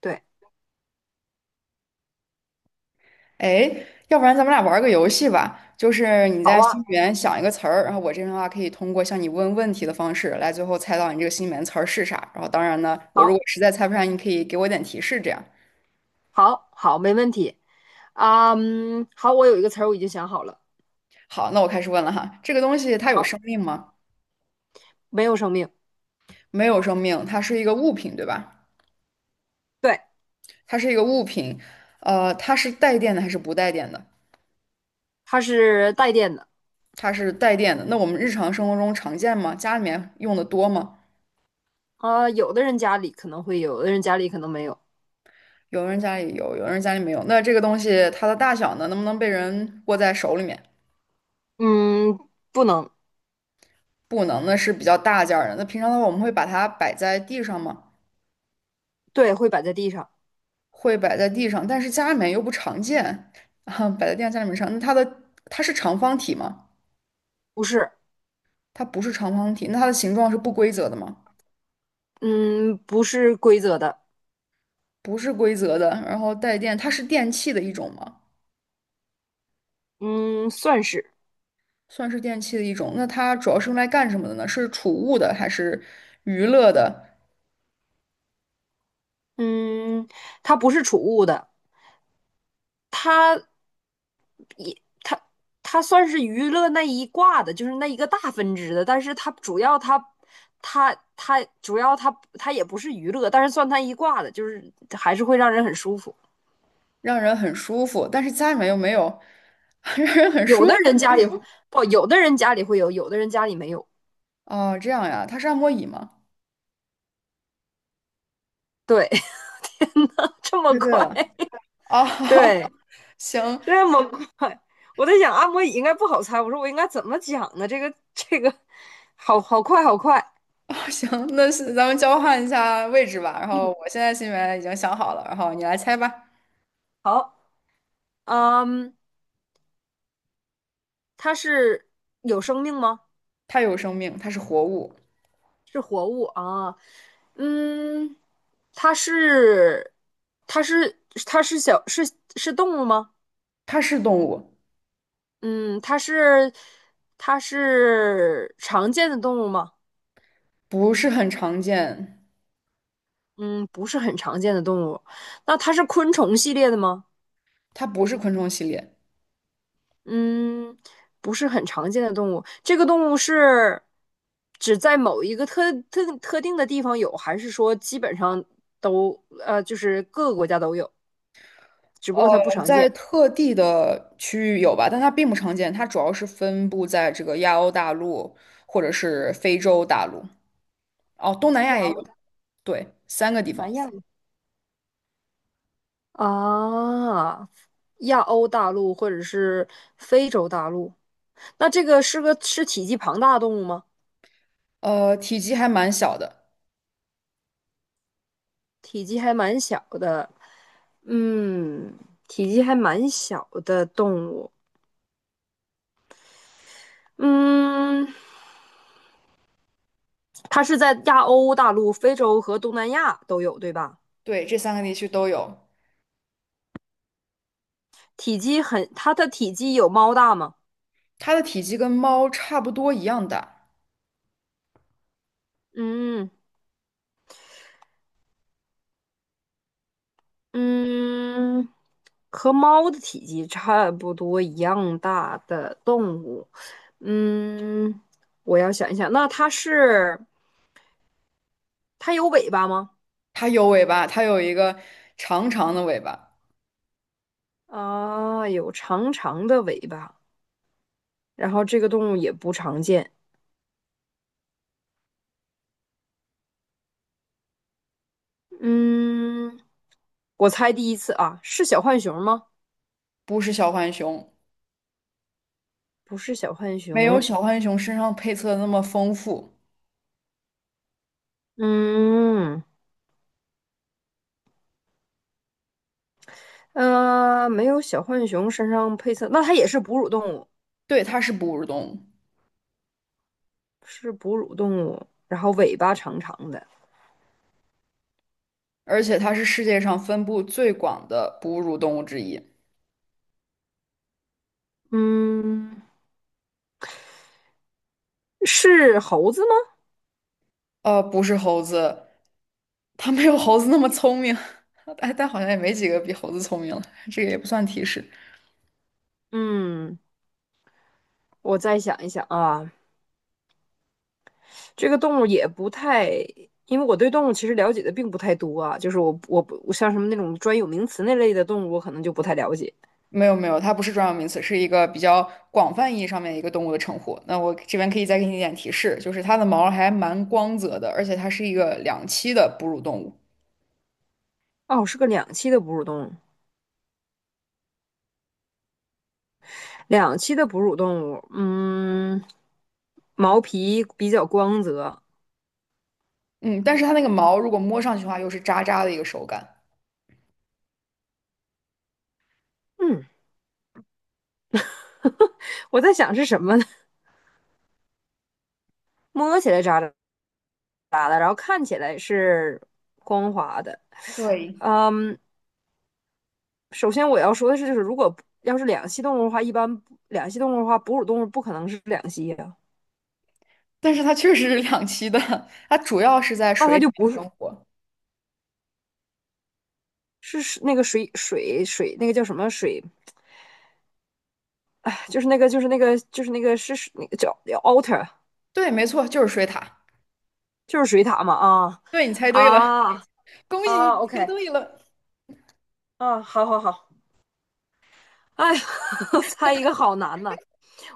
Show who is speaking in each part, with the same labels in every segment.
Speaker 1: 对。
Speaker 2: 哎，要不然咱们俩玩儿个游戏吧，就是你
Speaker 1: 好
Speaker 2: 在
Speaker 1: 啊。
Speaker 2: 心里面想一个词儿，然后我这边的话可以通过向你问问题的方式来最后猜到你这个心里面词儿是啥。然后当然呢，我如果
Speaker 1: 好，
Speaker 2: 实在猜不上，你可以给我点提示，这样。
Speaker 1: 好，好，没问题。好，我有一个词儿我已经想好了。
Speaker 2: 好，那我开始问了哈，这个东西它有
Speaker 1: 好，
Speaker 2: 生命吗？
Speaker 1: 没有生命。
Speaker 2: 没有生命，它是一个物品，对吧？
Speaker 1: 对，
Speaker 2: 它是一个物品，它是带电的还是不带电的？
Speaker 1: 它是带电的。
Speaker 2: 它是带电的，那我们日常生活中常见吗？家里面用的多吗？
Speaker 1: 有的人家里可能会有，有的人家里可能没有。
Speaker 2: 有人家里有，有人家里没有。那这个东西它的大小呢，能不能被人握在手里面？
Speaker 1: 嗯，不能。
Speaker 2: 不能，那是比较大件儿的。那平常的话，我们会把它摆在地上吗？
Speaker 1: 对，会摆在地上。
Speaker 2: 会摆在地上，但是家里面又不常见，啊，摆在地上家里面上。那它是长方体吗？
Speaker 1: 不是。
Speaker 2: 它不是长方体，那它的形状是不规则的吗？
Speaker 1: 嗯，不是规则的。
Speaker 2: 不是规则的。然后带电，它是电器的一种吗？
Speaker 1: 嗯，算是。
Speaker 2: 算是电器的一种。那它主要是用来干什么的呢？是储物的还是娱乐的？
Speaker 1: 嗯，它不是储物的。它它它算是娱乐那一挂的，就是那一个大分支的，但是它主要它也不是娱乐，但是算它一挂的，就是还是会让人很舒服。
Speaker 2: 让人很舒服，但是家里面又没有 让人很
Speaker 1: 有
Speaker 2: 舒服。
Speaker 1: 的人家里不，有的人家里会有，有的人家里没有。
Speaker 2: 哦，这样呀，它是按摩椅吗？
Speaker 1: 对，这么
Speaker 2: 猜对
Speaker 1: 快。
Speaker 2: 了。哦，
Speaker 1: 对，
Speaker 2: 行，
Speaker 1: 这么快，我在想按摩椅应该不好猜，我说我应该怎么讲呢？好好快好快。
Speaker 2: 哦，行，那是咱们交换一下位置吧。然后我现在心里面已经想好了，然后你来猜吧。
Speaker 1: 好，嗯，它是有生命吗？
Speaker 2: 它有生命，它是活物，
Speaker 1: 是活物啊。嗯，它是，它是，它是小，是是动物吗？
Speaker 2: 它是动物，
Speaker 1: 嗯，它是，它是常见的动物吗？
Speaker 2: 不是很常见，
Speaker 1: 嗯，不是很常见的动物。那它是昆虫系列的吗？
Speaker 2: 它不是昆虫系列。
Speaker 1: 嗯，不是很常见的动物。这个动物是只在某一个特定的地方有，还是说基本上都，就是各个国家都有，只不
Speaker 2: 呃，
Speaker 1: 过它不常
Speaker 2: 在
Speaker 1: 见？
Speaker 2: 特地的区域有吧，但它并不常见。它主要是分布在这个亚欧大陆或者是非洲大陆。哦，东南亚
Speaker 1: 亚
Speaker 2: 也
Speaker 1: 欧
Speaker 2: 有。
Speaker 1: 的东
Speaker 2: 对，三个地
Speaker 1: 南
Speaker 2: 方，
Speaker 1: 亚。啊，亚欧大陆或者是非洲大陆，那这个是体积庞大的动物吗？
Speaker 2: 体积还蛮小的。
Speaker 1: 体积还蛮小的。嗯，体积还蛮小的动物。嗯，它是在亚欧大陆、非洲和东南亚都有，对吧？
Speaker 2: 对，这三个地区都有。
Speaker 1: 体积很，它的体积有猫大吗？
Speaker 2: 它的体积跟猫差不多一样大，
Speaker 1: 嗯嗯，和猫的体积差不多一样大的动物。嗯，我要想一想，那它是它有尾巴吗？
Speaker 2: 它有尾巴，它有一个长长的尾巴，
Speaker 1: 啊，有长长的尾巴，然后这个动物也不常见。嗯，我猜第一次啊，是小浣熊吗？
Speaker 2: 不是小浣熊，
Speaker 1: 不是小浣
Speaker 2: 没有
Speaker 1: 熊。
Speaker 2: 小浣熊身上配色的那么丰富。
Speaker 1: 嗯，没有小浣熊身上配色，那它也是哺乳动物，
Speaker 2: 对，它是哺乳动物，
Speaker 1: 是哺乳动物，然后尾巴长长的。
Speaker 2: 而且它是世界上分布最广的哺乳动物之一。
Speaker 1: 嗯，是猴子吗？
Speaker 2: 不是猴子，它没有猴子那么聪明，但好像也没几个比猴子聪明了，这个也不算提示。
Speaker 1: 嗯，我再想一想啊，这个动物也不太，因为我对动物其实了解的并不太多啊，就是我我不我像什么那种专有名词那类的动物，我可能就不太了解。
Speaker 2: 没有没有，它不是专有名词，是一个比较广泛意义上面一个动物的称呼。那我这边可以再给你一点提示，就是它的毛还蛮光泽的，而且它是一个两栖的哺乳动物。
Speaker 1: 哦，是个两栖的哺乳动物，两栖的哺乳动物。嗯，毛皮比较光泽。
Speaker 2: 嗯，但是它那个毛如果摸上去的话，又是渣渣的一个手感。
Speaker 1: 嗯，我在想是什么呢？摸起来扎扎的，然后看起来是光滑的。
Speaker 2: 对，
Speaker 1: 嗯。首先我要说的是，就是如果要是两栖动物的话，一般不两栖动物的话，哺乳动物不可能是两栖呀、
Speaker 2: 但是它确实是两栖的，它主要是在
Speaker 1: 那它
Speaker 2: 水里
Speaker 1: 就
Speaker 2: 面
Speaker 1: 不是
Speaker 2: 生活。
Speaker 1: 是那个水那个叫什么水，就是那个就是那个就是那个是是那个叫叫 otter。
Speaker 2: 对，没错，就是水獭。
Speaker 1: 就是水獭嘛
Speaker 2: 对，你猜对了，
Speaker 1: 啊
Speaker 2: 恭喜
Speaker 1: 啊
Speaker 2: 你猜
Speaker 1: ，OK。
Speaker 2: 对了。
Speaker 1: 啊，好好好，哎呀 猜一个好难呐、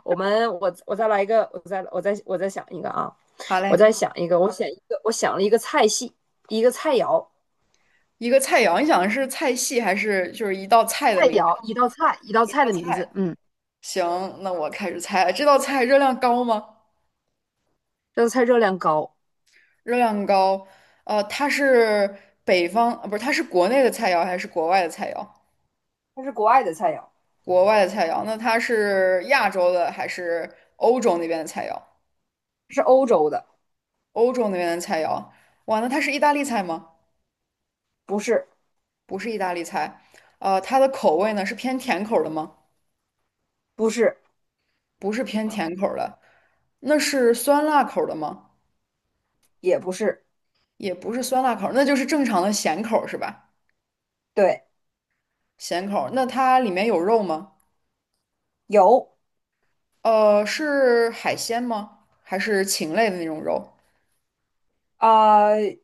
Speaker 1: 我们我再来一个，我再想一个啊，
Speaker 2: 好
Speaker 1: 我
Speaker 2: 嘞，
Speaker 1: 再想一个，我想一个，我想了一个菜系，一个菜肴。
Speaker 2: 一个菜肴，你想的是菜系还是就是一道菜的
Speaker 1: 菜
Speaker 2: 名
Speaker 1: 肴，
Speaker 2: 称？
Speaker 1: 一道菜，一道
Speaker 2: 一
Speaker 1: 菜
Speaker 2: 道
Speaker 1: 的名字。
Speaker 2: 菜。
Speaker 1: 嗯，
Speaker 2: 行，那我开始猜了，这道菜热量高吗？
Speaker 1: 这道菜热量高。
Speaker 2: 热量高，它是北方，呃不是，它是国内的菜肴还是国外的菜肴？
Speaker 1: 它是国外的菜肴。
Speaker 2: 国外的菜肴，那它是亚洲的还是欧洲那边的菜肴？
Speaker 1: 它是欧洲的。
Speaker 2: 欧洲那边的菜肴，哇，那它是意大利菜吗？
Speaker 1: 不是。
Speaker 2: 不是意大利菜，它的口味呢是偏甜口儿的吗？
Speaker 1: 不是。
Speaker 2: 不是偏甜口儿的，那是酸辣口儿的吗？
Speaker 1: 也不是。
Speaker 2: 也不是酸辣口儿，那就是正常的咸口儿是吧？
Speaker 1: 对，
Speaker 2: 咸口儿，那它里面有肉吗？
Speaker 1: 有。
Speaker 2: 是海鲜吗？还是禽类的那种肉？
Speaker 1: 啊、呃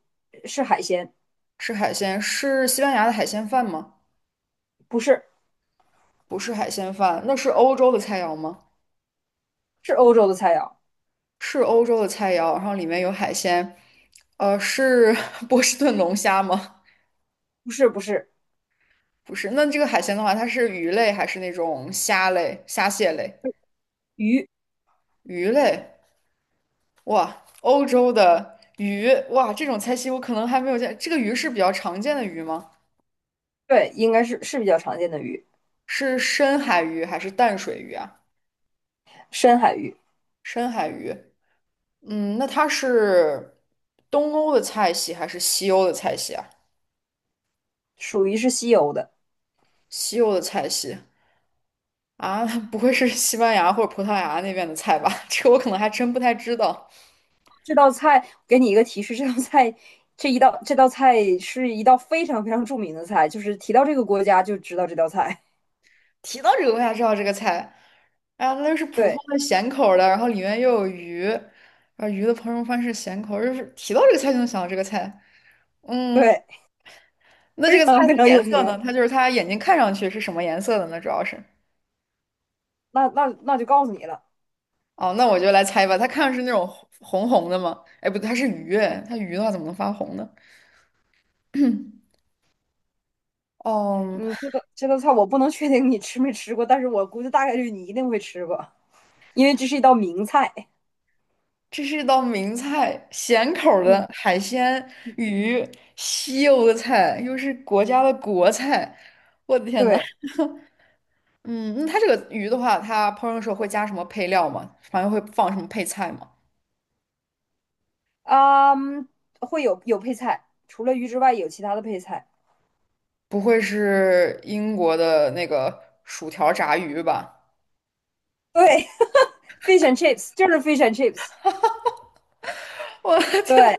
Speaker 1: 是海鲜。
Speaker 2: 是海鲜，是西班牙的海鲜饭吗？
Speaker 1: 不是。
Speaker 2: 不是海鲜饭，那是欧洲的菜肴吗？
Speaker 1: 是欧洲的菜肴。
Speaker 2: 是欧洲的菜肴，然后里面有海鲜。是 波士顿龙虾吗？
Speaker 1: 不是。不是
Speaker 2: 不是，那这个海鲜的话，它是鱼类还是那种虾类、虾蟹类？
Speaker 1: 鱼。
Speaker 2: 鱼类，哇，欧洲的鱼，哇，这种菜系我可能还没有见。这个鱼是比较常见的鱼吗？
Speaker 1: 对，应该是比较常见的鱼。
Speaker 2: 是深海鱼还是淡水鱼啊？
Speaker 1: 深海鱼。
Speaker 2: 深海鱼。嗯，那它是东欧的菜系还是西欧的菜系啊？
Speaker 1: 属于是西欧的。
Speaker 2: 西欧的菜系啊，不会是西班牙或者葡萄牙那边的菜吧？这个我可能还真不太知道。
Speaker 1: 这道菜给你一个提示，这道菜是一道非常非常著名的菜，就是提到这个国家就知道这道菜。
Speaker 2: 提到这个，我才知道这个菜。哎呀，那就是普通
Speaker 1: 对
Speaker 2: 的咸口儿的，然后里面又有鱼，啊，鱼的烹饪方式咸口儿就是提到这个菜就能想到这个菜。嗯，
Speaker 1: 对，
Speaker 2: 那这
Speaker 1: 非
Speaker 2: 个菜
Speaker 1: 常
Speaker 2: 的
Speaker 1: 非常
Speaker 2: 颜
Speaker 1: 有
Speaker 2: 色
Speaker 1: 名。
Speaker 2: 呢？它就是它眼睛看上去是什么颜色的呢？主要是。
Speaker 1: 那那那就告诉你了。
Speaker 2: 哦，那我就来猜吧。它看上去是那种红红的吗？哎，不对，它是鱼，它鱼的话怎么能发红呢？哦，
Speaker 1: 嗯，这道菜我不能确定你吃没吃过，但是我估计大概率你一定会吃过，因为这是一道名菜。
Speaker 2: 这是一道名菜，咸口儿
Speaker 1: 嗯，
Speaker 2: 的海鲜鱼，西欧的菜，又是国家的国菜。我的天呐！
Speaker 1: 对，
Speaker 2: 嗯，那它这个鱼的话，它烹饪的时候会加什么配料吗？反正会放什么配菜吗？
Speaker 1: 嗯，会有配菜，除了鱼之外有其他的配菜。
Speaker 2: 不会是英国的那个薯条炸鱼吧？
Speaker 1: 对 ，fish and chips 就是 fish and chips。
Speaker 2: 我天，
Speaker 1: 对，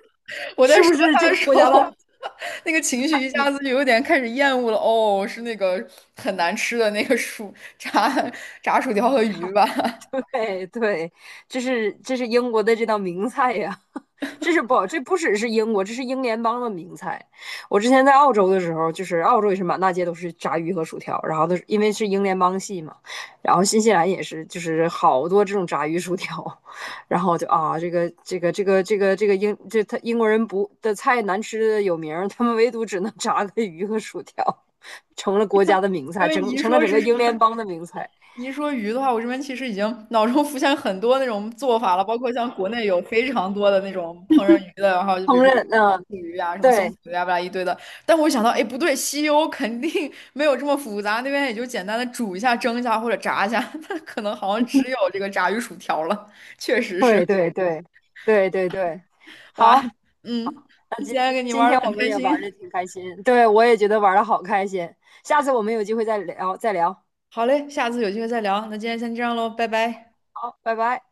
Speaker 2: 我在
Speaker 1: 是不
Speaker 2: 说
Speaker 1: 是这
Speaker 2: 他的
Speaker 1: 个
Speaker 2: 时
Speaker 1: 国家的？
Speaker 2: 候，那个情绪一
Speaker 1: 你
Speaker 2: 下子就有点开始厌恶了。哦，是那个很难吃的那个薯 炸薯条和鱼吧？
Speaker 1: 对对，这是这是英国的这道名菜呀。这是不，这不只是英国，这是英联邦的名菜。我之前在澳洲的时候，就是澳洲也是满大街都是炸鱼和薯条，然后都是因为是英联邦系嘛，然后新西兰也是，就是好多这种炸鱼薯条，然后就啊，这个这个这个这个这个英这他英国人不的菜难吃的有名他们唯独只能炸个鱼和薯条，成了国家的名
Speaker 2: 因
Speaker 1: 菜，
Speaker 2: 为
Speaker 1: 整成了整个英联邦的名菜。
Speaker 2: 你一说鱼的话，我这边其实已经脑中浮现很多那种做法了，包括像国内有非常多的那种烹饪鱼的，然后就比如
Speaker 1: 烹
Speaker 2: 说
Speaker 1: 饪，
Speaker 2: 糖
Speaker 1: 嗯，
Speaker 2: 醋鱼啊、什么松
Speaker 1: 对
Speaker 2: 鼠鱼啊，巴拉一堆的。但我想到，哎，不对，西欧肯定没有这么复杂，那边也就简单的煮一下、蒸一下或者炸一下，它可能好像只有这个炸鱼薯条了。确实是，
Speaker 1: 对对对对，
Speaker 2: 哇，
Speaker 1: 好。
Speaker 2: 嗯，今天跟你
Speaker 1: 今
Speaker 2: 玩
Speaker 1: 天
Speaker 2: 的很
Speaker 1: 我们
Speaker 2: 开
Speaker 1: 也玩的
Speaker 2: 心。
Speaker 1: 挺开心，对我也觉得玩的好开心。下次我们有机会再聊，再聊。
Speaker 2: 好嘞，下次有机会再聊。那今天先这样喽，拜拜。
Speaker 1: 好，拜拜。